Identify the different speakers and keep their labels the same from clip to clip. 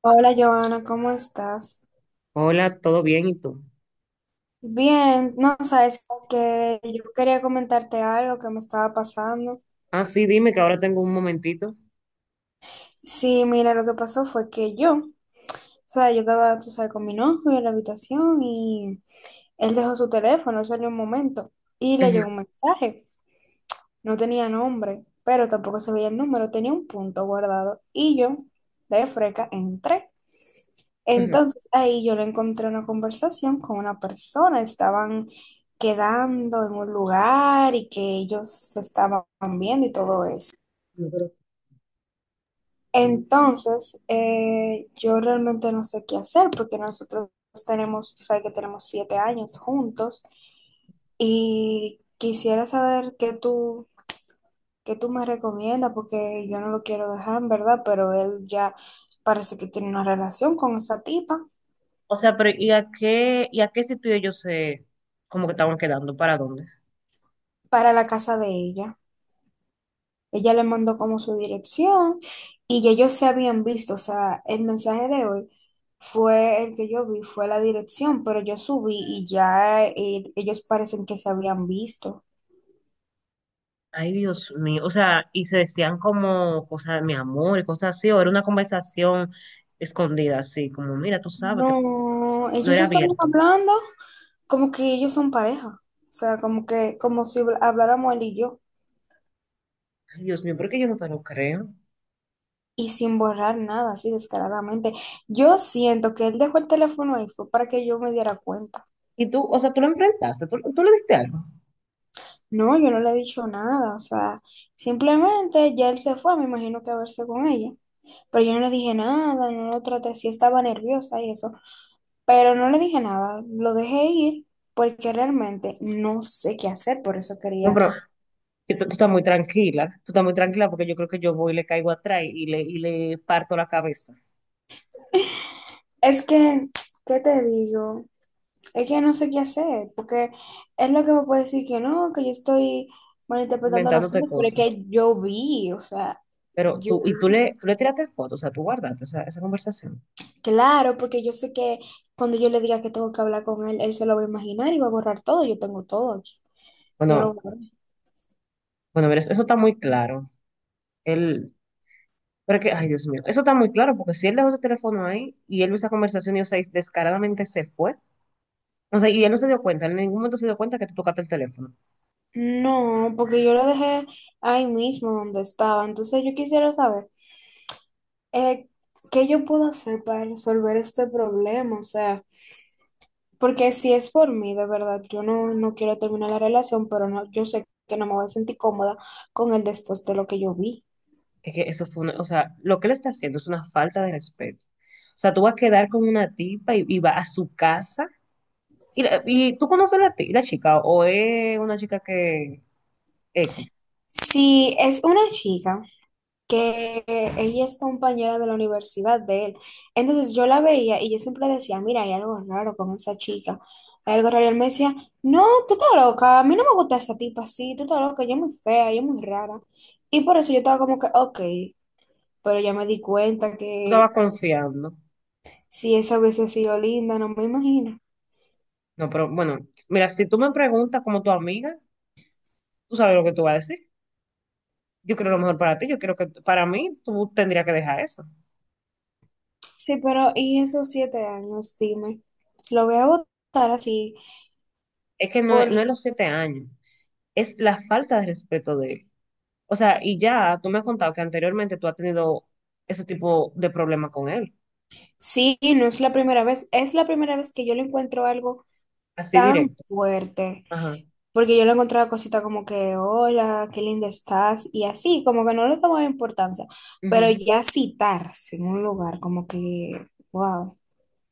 Speaker 1: Hola Joana, ¿cómo estás?
Speaker 2: Hola, ¿todo bien? ¿Y tú?
Speaker 1: Bien, no sabes que yo quería comentarte algo que me estaba pasando.
Speaker 2: Ah, sí, dime que ahora tengo un momentito.
Speaker 1: Sí, mira, lo que pasó fue que yo, o sea, yo estaba, tú sabes, con mi novio en la habitación y él dejó su teléfono, él salió un momento y le llegó
Speaker 2: Ujú.
Speaker 1: un mensaje. No tenía nombre, pero tampoco se veía el número, tenía un punto guardado y yo, de freca, entré.
Speaker 2: Ujú.
Speaker 1: Entonces ahí yo le encontré una conversación con una persona, estaban quedando en un lugar y que ellos se estaban viendo y todo eso.
Speaker 2: No.
Speaker 1: Entonces yo realmente no sé qué hacer porque nosotros tenemos, tú sabes que tenemos 7 años juntos y quisiera saber qué tú me recomiendas porque yo no lo quiero dejar en verdad, pero él ya parece que tiene una relación con esa tipa
Speaker 2: O sea, pero ¿y a qué sitio ellos se, como que estaban quedando? ¿Para dónde?
Speaker 1: para la casa de ella. Ella le mandó como su dirección y ya ellos se habían visto. O sea, el mensaje de hoy fue el que yo vi, fue la dirección, pero yo subí y ya ellos parecen que se habían visto.
Speaker 2: Ay, Dios mío. O sea, y se decían como cosas, de mi amor, y cosas así, o era una conversación escondida, así, como, mira, tú sabes que
Speaker 1: No,
Speaker 2: no
Speaker 1: ellos
Speaker 2: era
Speaker 1: estaban
Speaker 2: abierto.
Speaker 1: hablando como que ellos son pareja. O sea, como que, como si habláramos él y yo.
Speaker 2: Ay, Dios mío, ¿por qué yo no te lo creo?
Speaker 1: Y sin borrar nada, así descaradamente. Yo siento que él dejó el teléfono ahí fue para que yo me diera cuenta.
Speaker 2: Y tú, o sea, tú lo enfrentaste, tú le diste algo.
Speaker 1: No, yo no le he dicho nada, o sea, simplemente ya él se fue, me imagino que a verse con ella, pero yo no le dije nada, no lo traté, sí estaba nerviosa y eso, pero no le dije nada, lo dejé ir porque realmente no sé qué hacer, por eso
Speaker 2: No,
Speaker 1: quería,
Speaker 2: pero Yo- tú estás muy tranquila, tú estás muy tranquila porque yo creo que yo voy y le caigo atrás y le parto la cabeza,
Speaker 1: es que, ¿qué te digo? Es que no sé qué hacer, porque es lo que me puede decir que no, que yo estoy malinterpretando las
Speaker 2: inventándote
Speaker 1: cosas, pero es
Speaker 2: cosas.
Speaker 1: que yo vi, o sea,
Speaker 2: Pero
Speaker 1: yo
Speaker 2: tú, y tú
Speaker 1: vi.
Speaker 2: le, tú le tiraste fotos, o sea, tú guardaste esa conversación.
Speaker 1: Claro, porque yo sé que cuando yo le diga que tengo que hablar con él, él se lo va a imaginar y va a borrar todo. Yo tengo todo aquí. Yo lo
Speaker 2: Bueno,
Speaker 1: borré.
Speaker 2: bueno, mira, eso está muy claro. Él, pero es que, ay, Dios mío, eso está muy claro porque si él dejó su teléfono ahí y él vio esa conversación y, o sea, y descaradamente se fue, o sea, y él no se dio cuenta, en ningún momento se dio cuenta que tú tocaste el teléfono.
Speaker 1: No, porque yo lo dejé ahí mismo donde estaba. Entonces yo quisiera saber eh, qué yo puedo hacer para resolver este problema. O sea, porque si es por mí, de verdad, yo no, no quiero terminar la relación, pero no, yo sé que no me voy a sentir cómoda con él después de lo que yo vi.
Speaker 2: Es que eso fue o sea, lo que él está haciendo es una falta de respeto. O sea, tú vas a quedar con una tipa y vas a su casa. ¿Y, y tú conoces la chica o es una chica que X?
Speaker 1: Si es una chica, que ella es compañera de la universidad de él. Entonces yo la veía y yo siempre decía, mira, hay algo raro con esa chica, hay algo raro. Y él me decía, no, tú estás loca, a mí no me gusta esa tipa así, tú estás loca, ella es muy fea, ella es muy rara. Y por eso yo estaba como que, ok, pero ya me di cuenta
Speaker 2: Tú estabas
Speaker 1: que
Speaker 2: confiando.
Speaker 1: si esa hubiese sido linda, no me imagino.
Speaker 2: No, pero bueno, mira, si tú me preguntas como tu amiga, tú sabes lo que tú vas a decir. Yo creo lo mejor para ti, yo creo que para mí tú tendrías que dejar eso.
Speaker 1: Sí, pero ¿y esos 7 años? Dime, lo voy a votar así,
Speaker 2: Es que no,
Speaker 1: por
Speaker 2: no es los 7 años, es la falta de respeto de él. O sea, y ya tú me has contado que anteriormente tú has tenido ese tipo de problema con él,
Speaker 1: sí, no es la primera vez, es la primera vez que yo le encuentro algo
Speaker 2: así
Speaker 1: tan
Speaker 2: directo.
Speaker 1: fuerte,
Speaker 2: Ajá.
Speaker 1: porque yo le encontraba cosita como que, hola, qué linda estás, y así, como que no le tomaba importancia, pero
Speaker 2: Ujú.
Speaker 1: ya citarse en un lugar, como que, wow.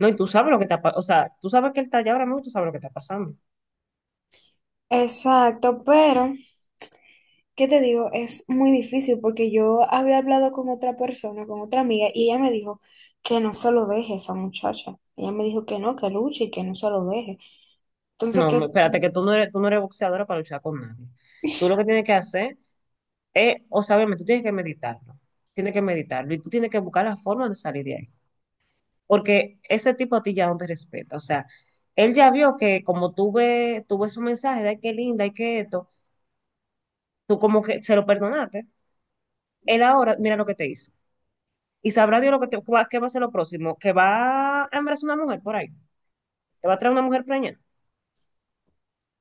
Speaker 2: No, y tú sabes lo que o sea, tú sabes que él está allá ahora mismo y tú sabes lo que está pasando.
Speaker 1: Exacto, pero, ¿qué te digo? Es muy difícil porque yo había hablado con otra persona, con otra amiga, y ella me dijo que no se lo deje a esa muchacha. Ella me dijo que no, que luche y que no se lo deje. Entonces,
Speaker 2: No,
Speaker 1: ¿qué
Speaker 2: espérate, que tú no eres boxeadora para luchar con nadie. Tú lo que tienes que hacer es, o sea, obviamente, tú tienes que meditarlo. Tienes que meditarlo y tú tienes que buscar la forma de salir de ahí. Porque ese tipo a ti ya no te respeta. O sea, él ya vio que como tú ves su mensaje de "Ay, qué linda, y qué esto", tú como que se lo perdonaste. Él ahora, mira lo que te hizo. Y sabrá Dios qué va a ser lo próximo. Que va a embarazar una mujer por ahí. Que va a traer una mujer preñada.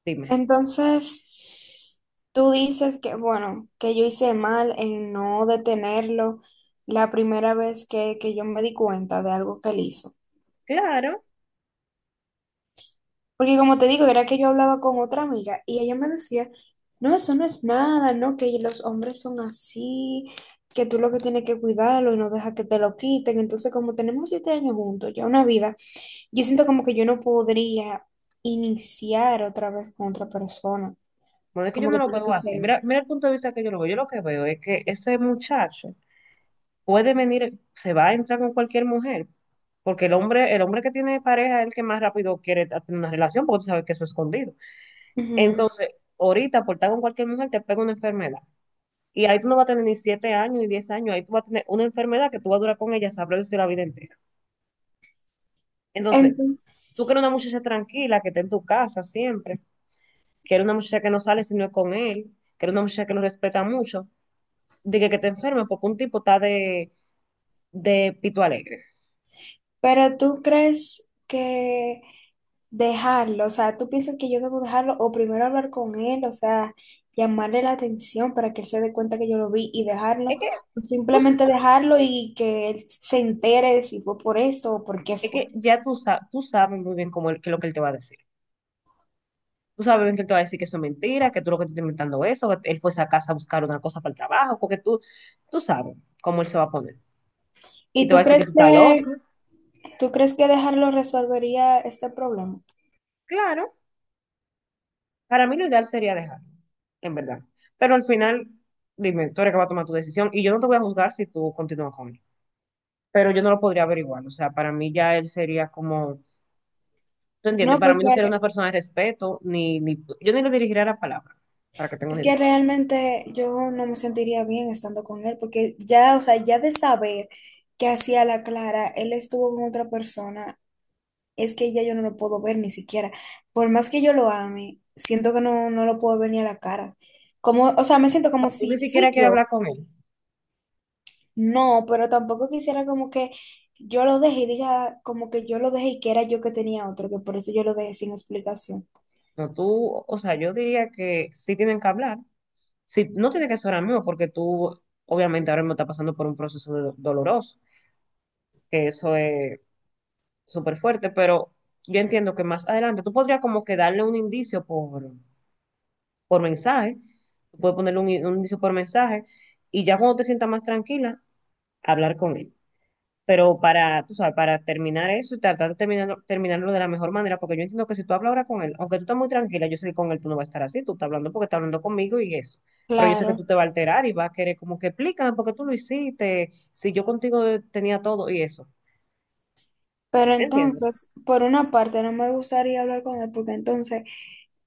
Speaker 2: Dime.
Speaker 1: entonces, tú dices que, bueno, que yo hice mal en no detenerlo la primera vez que yo me di cuenta de algo que él hizo.
Speaker 2: Claro.
Speaker 1: Porque como te digo, era que yo hablaba con otra amiga y ella me decía, no, eso no es nada, no, que los hombres son así, que tú lo que tienes que cuidarlo y no deja que te lo quiten. Entonces, como tenemos 7 años juntos, ya una vida, yo siento como que yo no podría iniciar otra vez con otra persona,
Speaker 2: Bueno, es que yo
Speaker 1: como
Speaker 2: no
Speaker 1: que
Speaker 2: lo
Speaker 1: tiene
Speaker 2: veo
Speaker 1: que
Speaker 2: así.
Speaker 1: ser.
Speaker 2: Mira, mira el punto de vista que yo lo veo. Yo lo que veo es que ese muchacho puede venir, se va a entrar con cualquier mujer, porque el hombre que tiene pareja es el que más rápido quiere tener una relación, porque tú sabes que eso es escondido.
Speaker 1: Ujú.
Speaker 2: Entonces, ahorita por estar con cualquier mujer te pega una enfermedad. Y ahí tú no vas a tener ni 7 años ni 10 años, ahí tú vas a tener una enfermedad que tú vas a durar con ella, sabrás decir la vida entera. Entonces, tú
Speaker 1: Entonces,
Speaker 2: quieres una muchacha tranquila, que esté en tu casa siempre, quieres una muchacha que no sale si no es con él, quieres una muchacha que lo respeta mucho de que te enfermes porque un tipo está de pito alegre.
Speaker 1: pero tú crees que dejarlo, o sea, tú piensas que yo debo dejarlo o primero hablar con él, o sea, llamarle la atención para que él se dé cuenta que yo lo vi y dejarlo,
Speaker 2: Es que,
Speaker 1: o
Speaker 2: tú-
Speaker 1: simplemente dejarlo y que él se entere de si fue por eso o por qué
Speaker 2: es
Speaker 1: fue.
Speaker 2: que ya tú sabes muy bien qué es lo que él te va a decir. Tú sabes bien que él te va a decir que eso es mentira, que tú lo que te estás inventando eso, que él fue a esa casa a buscar una cosa para el trabajo, porque tú sabes cómo él se va a poner. Y
Speaker 1: ¿Y
Speaker 2: te va
Speaker 1: tú
Speaker 2: a decir que
Speaker 1: crees
Speaker 2: tú estás loco.
Speaker 1: que tú crees que dejarlo resolvería este problema?
Speaker 2: Claro, para mí lo ideal sería dejarlo, en verdad. Pero al final, dime, tú eres que va a tomar tu decisión y yo no te voy a juzgar si tú continúas con él. Pero yo no lo podría averiguar. O sea, para mí ya él sería como. ¿Tú entiendes?
Speaker 1: No,
Speaker 2: Para mí no sería una
Speaker 1: porque
Speaker 2: persona de respeto, ni yo ni le dirigiría la palabra, para que tenga una
Speaker 1: es que
Speaker 2: idea.
Speaker 1: realmente yo no me sentiría bien estando con él, porque ya, o sea, ya de saber que hacía la Clara, él estuvo con otra persona, es que ya yo no lo puedo ver ni siquiera. Por más que yo lo ame, siento que no, no lo puedo ver ni a la cara. Como, o sea, me siento
Speaker 2: O
Speaker 1: como
Speaker 2: sea, tú
Speaker 1: si
Speaker 2: ni siquiera
Speaker 1: fui
Speaker 2: quieres
Speaker 1: yo.
Speaker 2: hablar con él.
Speaker 1: No, pero tampoco quisiera como que yo lo dejé y diga como que yo lo dejé y que era yo que tenía otro, que por eso yo lo dejé sin explicación.
Speaker 2: No, tú, o sea, yo diría que sí tienen que hablar. Sí, no tiene que ser ahora mismo, porque tú, obviamente, ahora mismo estás pasando por un proceso doloroso, que eso es súper fuerte, pero yo entiendo que más adelante tú podrías como que darle un indicio por mensaje, tú puedes ponerle un indicio por mensaje, y ya cuando te sientas más tranquila, hablar con él. Pero para, tú sabes, para terminar eso y tratar de terminarlo de la mejor manera, porque yo entiendo que si tú hablas ahora con él, aunque tú estás muy tranquila, yo sé que con él tú no vas a estar así, tú estás hablando porque estás hablando conmigo y eso. Pero yo sé que
Speaker 1: Claro,
Speaker 2: tú te vas a alterar y vas a querer como que explícame por qué tú lo hiciste, si yo contigo tenía todo y eso.
Speaker 1: pero
Speaker 2: ¿Entiendes?
Speaker 1: entonces, por una parte, no me gustaría hablar con él porque entonces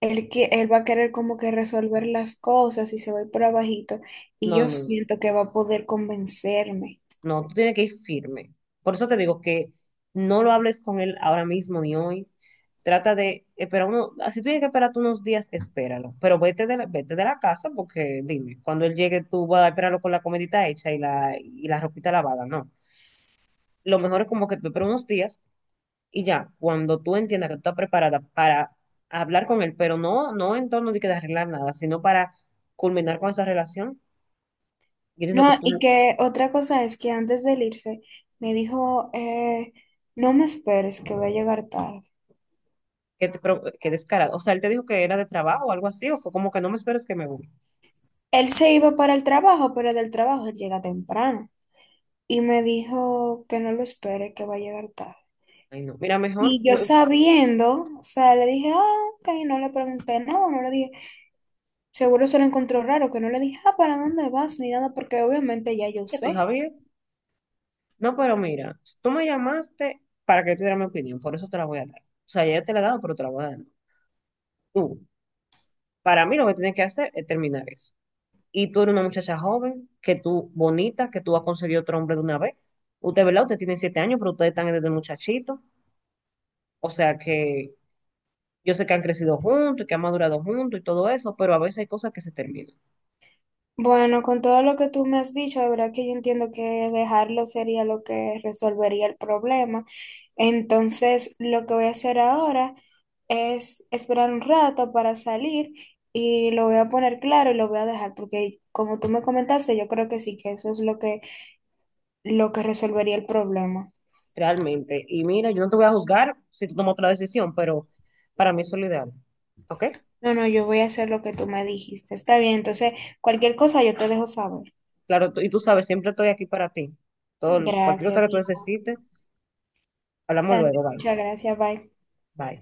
Speaker 1: él, él va a querer como que resolver las cosas y se va a ir por abajito y
Speaker 2: No, no,
Speaker 1: yo
Speaker 2: no. No.
Speaker 1: siento que va a poder convencerme.
Speaker 2: No, tú tienes que ir firme. Por eso te digo que no lo hables con él ahora mismo ni hoy. Trata de esperar si tú tienes que esperar tú unos días, espéralo. Pero vete de la casa porque dime, cuando él llegue tú vas a esperarlo con la comidita hecha y y la ropita lavada. No. Lo mejor es como que tú esperas unos días y ya, cuando tú entiendas que tú estás preparada para hablar con él, pero no, no en torno de que de arreglar nada, sino para culminar con esa relación. Yo entiendo que
Speaker 1: No,
Speaker 2: tú.
Speaker 1: y que otra cosa es que antes de él irse me dijo, no me esperes que voy a llegar tarde.
Speaker 2: Qué, pero, qué descarado. O sea, él te dijo que era de trabajo o algo así, o fue como que no me esperes que me voy.
Speaker 1: Él se iba para el trabajo, pero del trabajo él llega temprano y me dijo que no lo espere, que va a llegar tarde.
Speaker 2: Ay, no. Mira, mejor,
Speaker 1: Y yo
Speaker 2: no,
Speaker 1: sabiendo, o sea, le dije, ah, ok, no le pregunté nada, no le dije. Seguro se lo encontró raro, que no le dije, ah, ¿para dónde vas? Ni nada, porque obviamente ya yo
Speaker 2: ya tú
Speaker 1: sé.
Speaker 2: sabías. No, pero mira, si tú me llamaste para que yo te diera mi opinión, por eso te la voy a dar. O sea, ya te la he dado, pero te la voy a dar. Tú, para mí lo que tienes que hacer es terminar eso. Y tú eres una muchacha joven, que tú, bonita, que tú has conseguido otro hombre de una vez. Usted, ¿verdad? Usted tiene 7 años, pero ustedes están desde muchachito. O sea que yo sé que han crecido juntos, y que han madurado juntos y todo eso, pero a veces hay cosas que se terminan.
Speaker 1: Bueno, con todo lo que tú me has dicho, de verdad que yo entiendo que dejarlo sería lo que resolvería el problema. Entonces, lo que voy a hacer ahora es esperar un rato para salir y lo voy a poner claro y lo voy a dejar, porque como tú me comentaste, yo creo que sí, que eso es lo que resolvería el problema.
Speaker 2: Realmente. Y mira, yo no te voy a juzgar si tú tomas otra decisión, pero para mí eso es lo ideal. ¿Ok?
Speaker 1: No, no, yo voy a hacer lo que tú me dijiste. Está bien, entonces, cualquier cosa yo te dejo saber.
Speaker 2: Claro, y tú sabes, siempre estoy aquí para ti. Todo, cualquier cosa
Speaker 1: Gracias,
Speaker 2: que tú
Speaker 1: y
Speaker 2: necesites, hablamos luego.
Speaker 1: también
Speaker 2: Bye.
Speaker 1: muchas gracias, bye.
Speaker 2: Bye.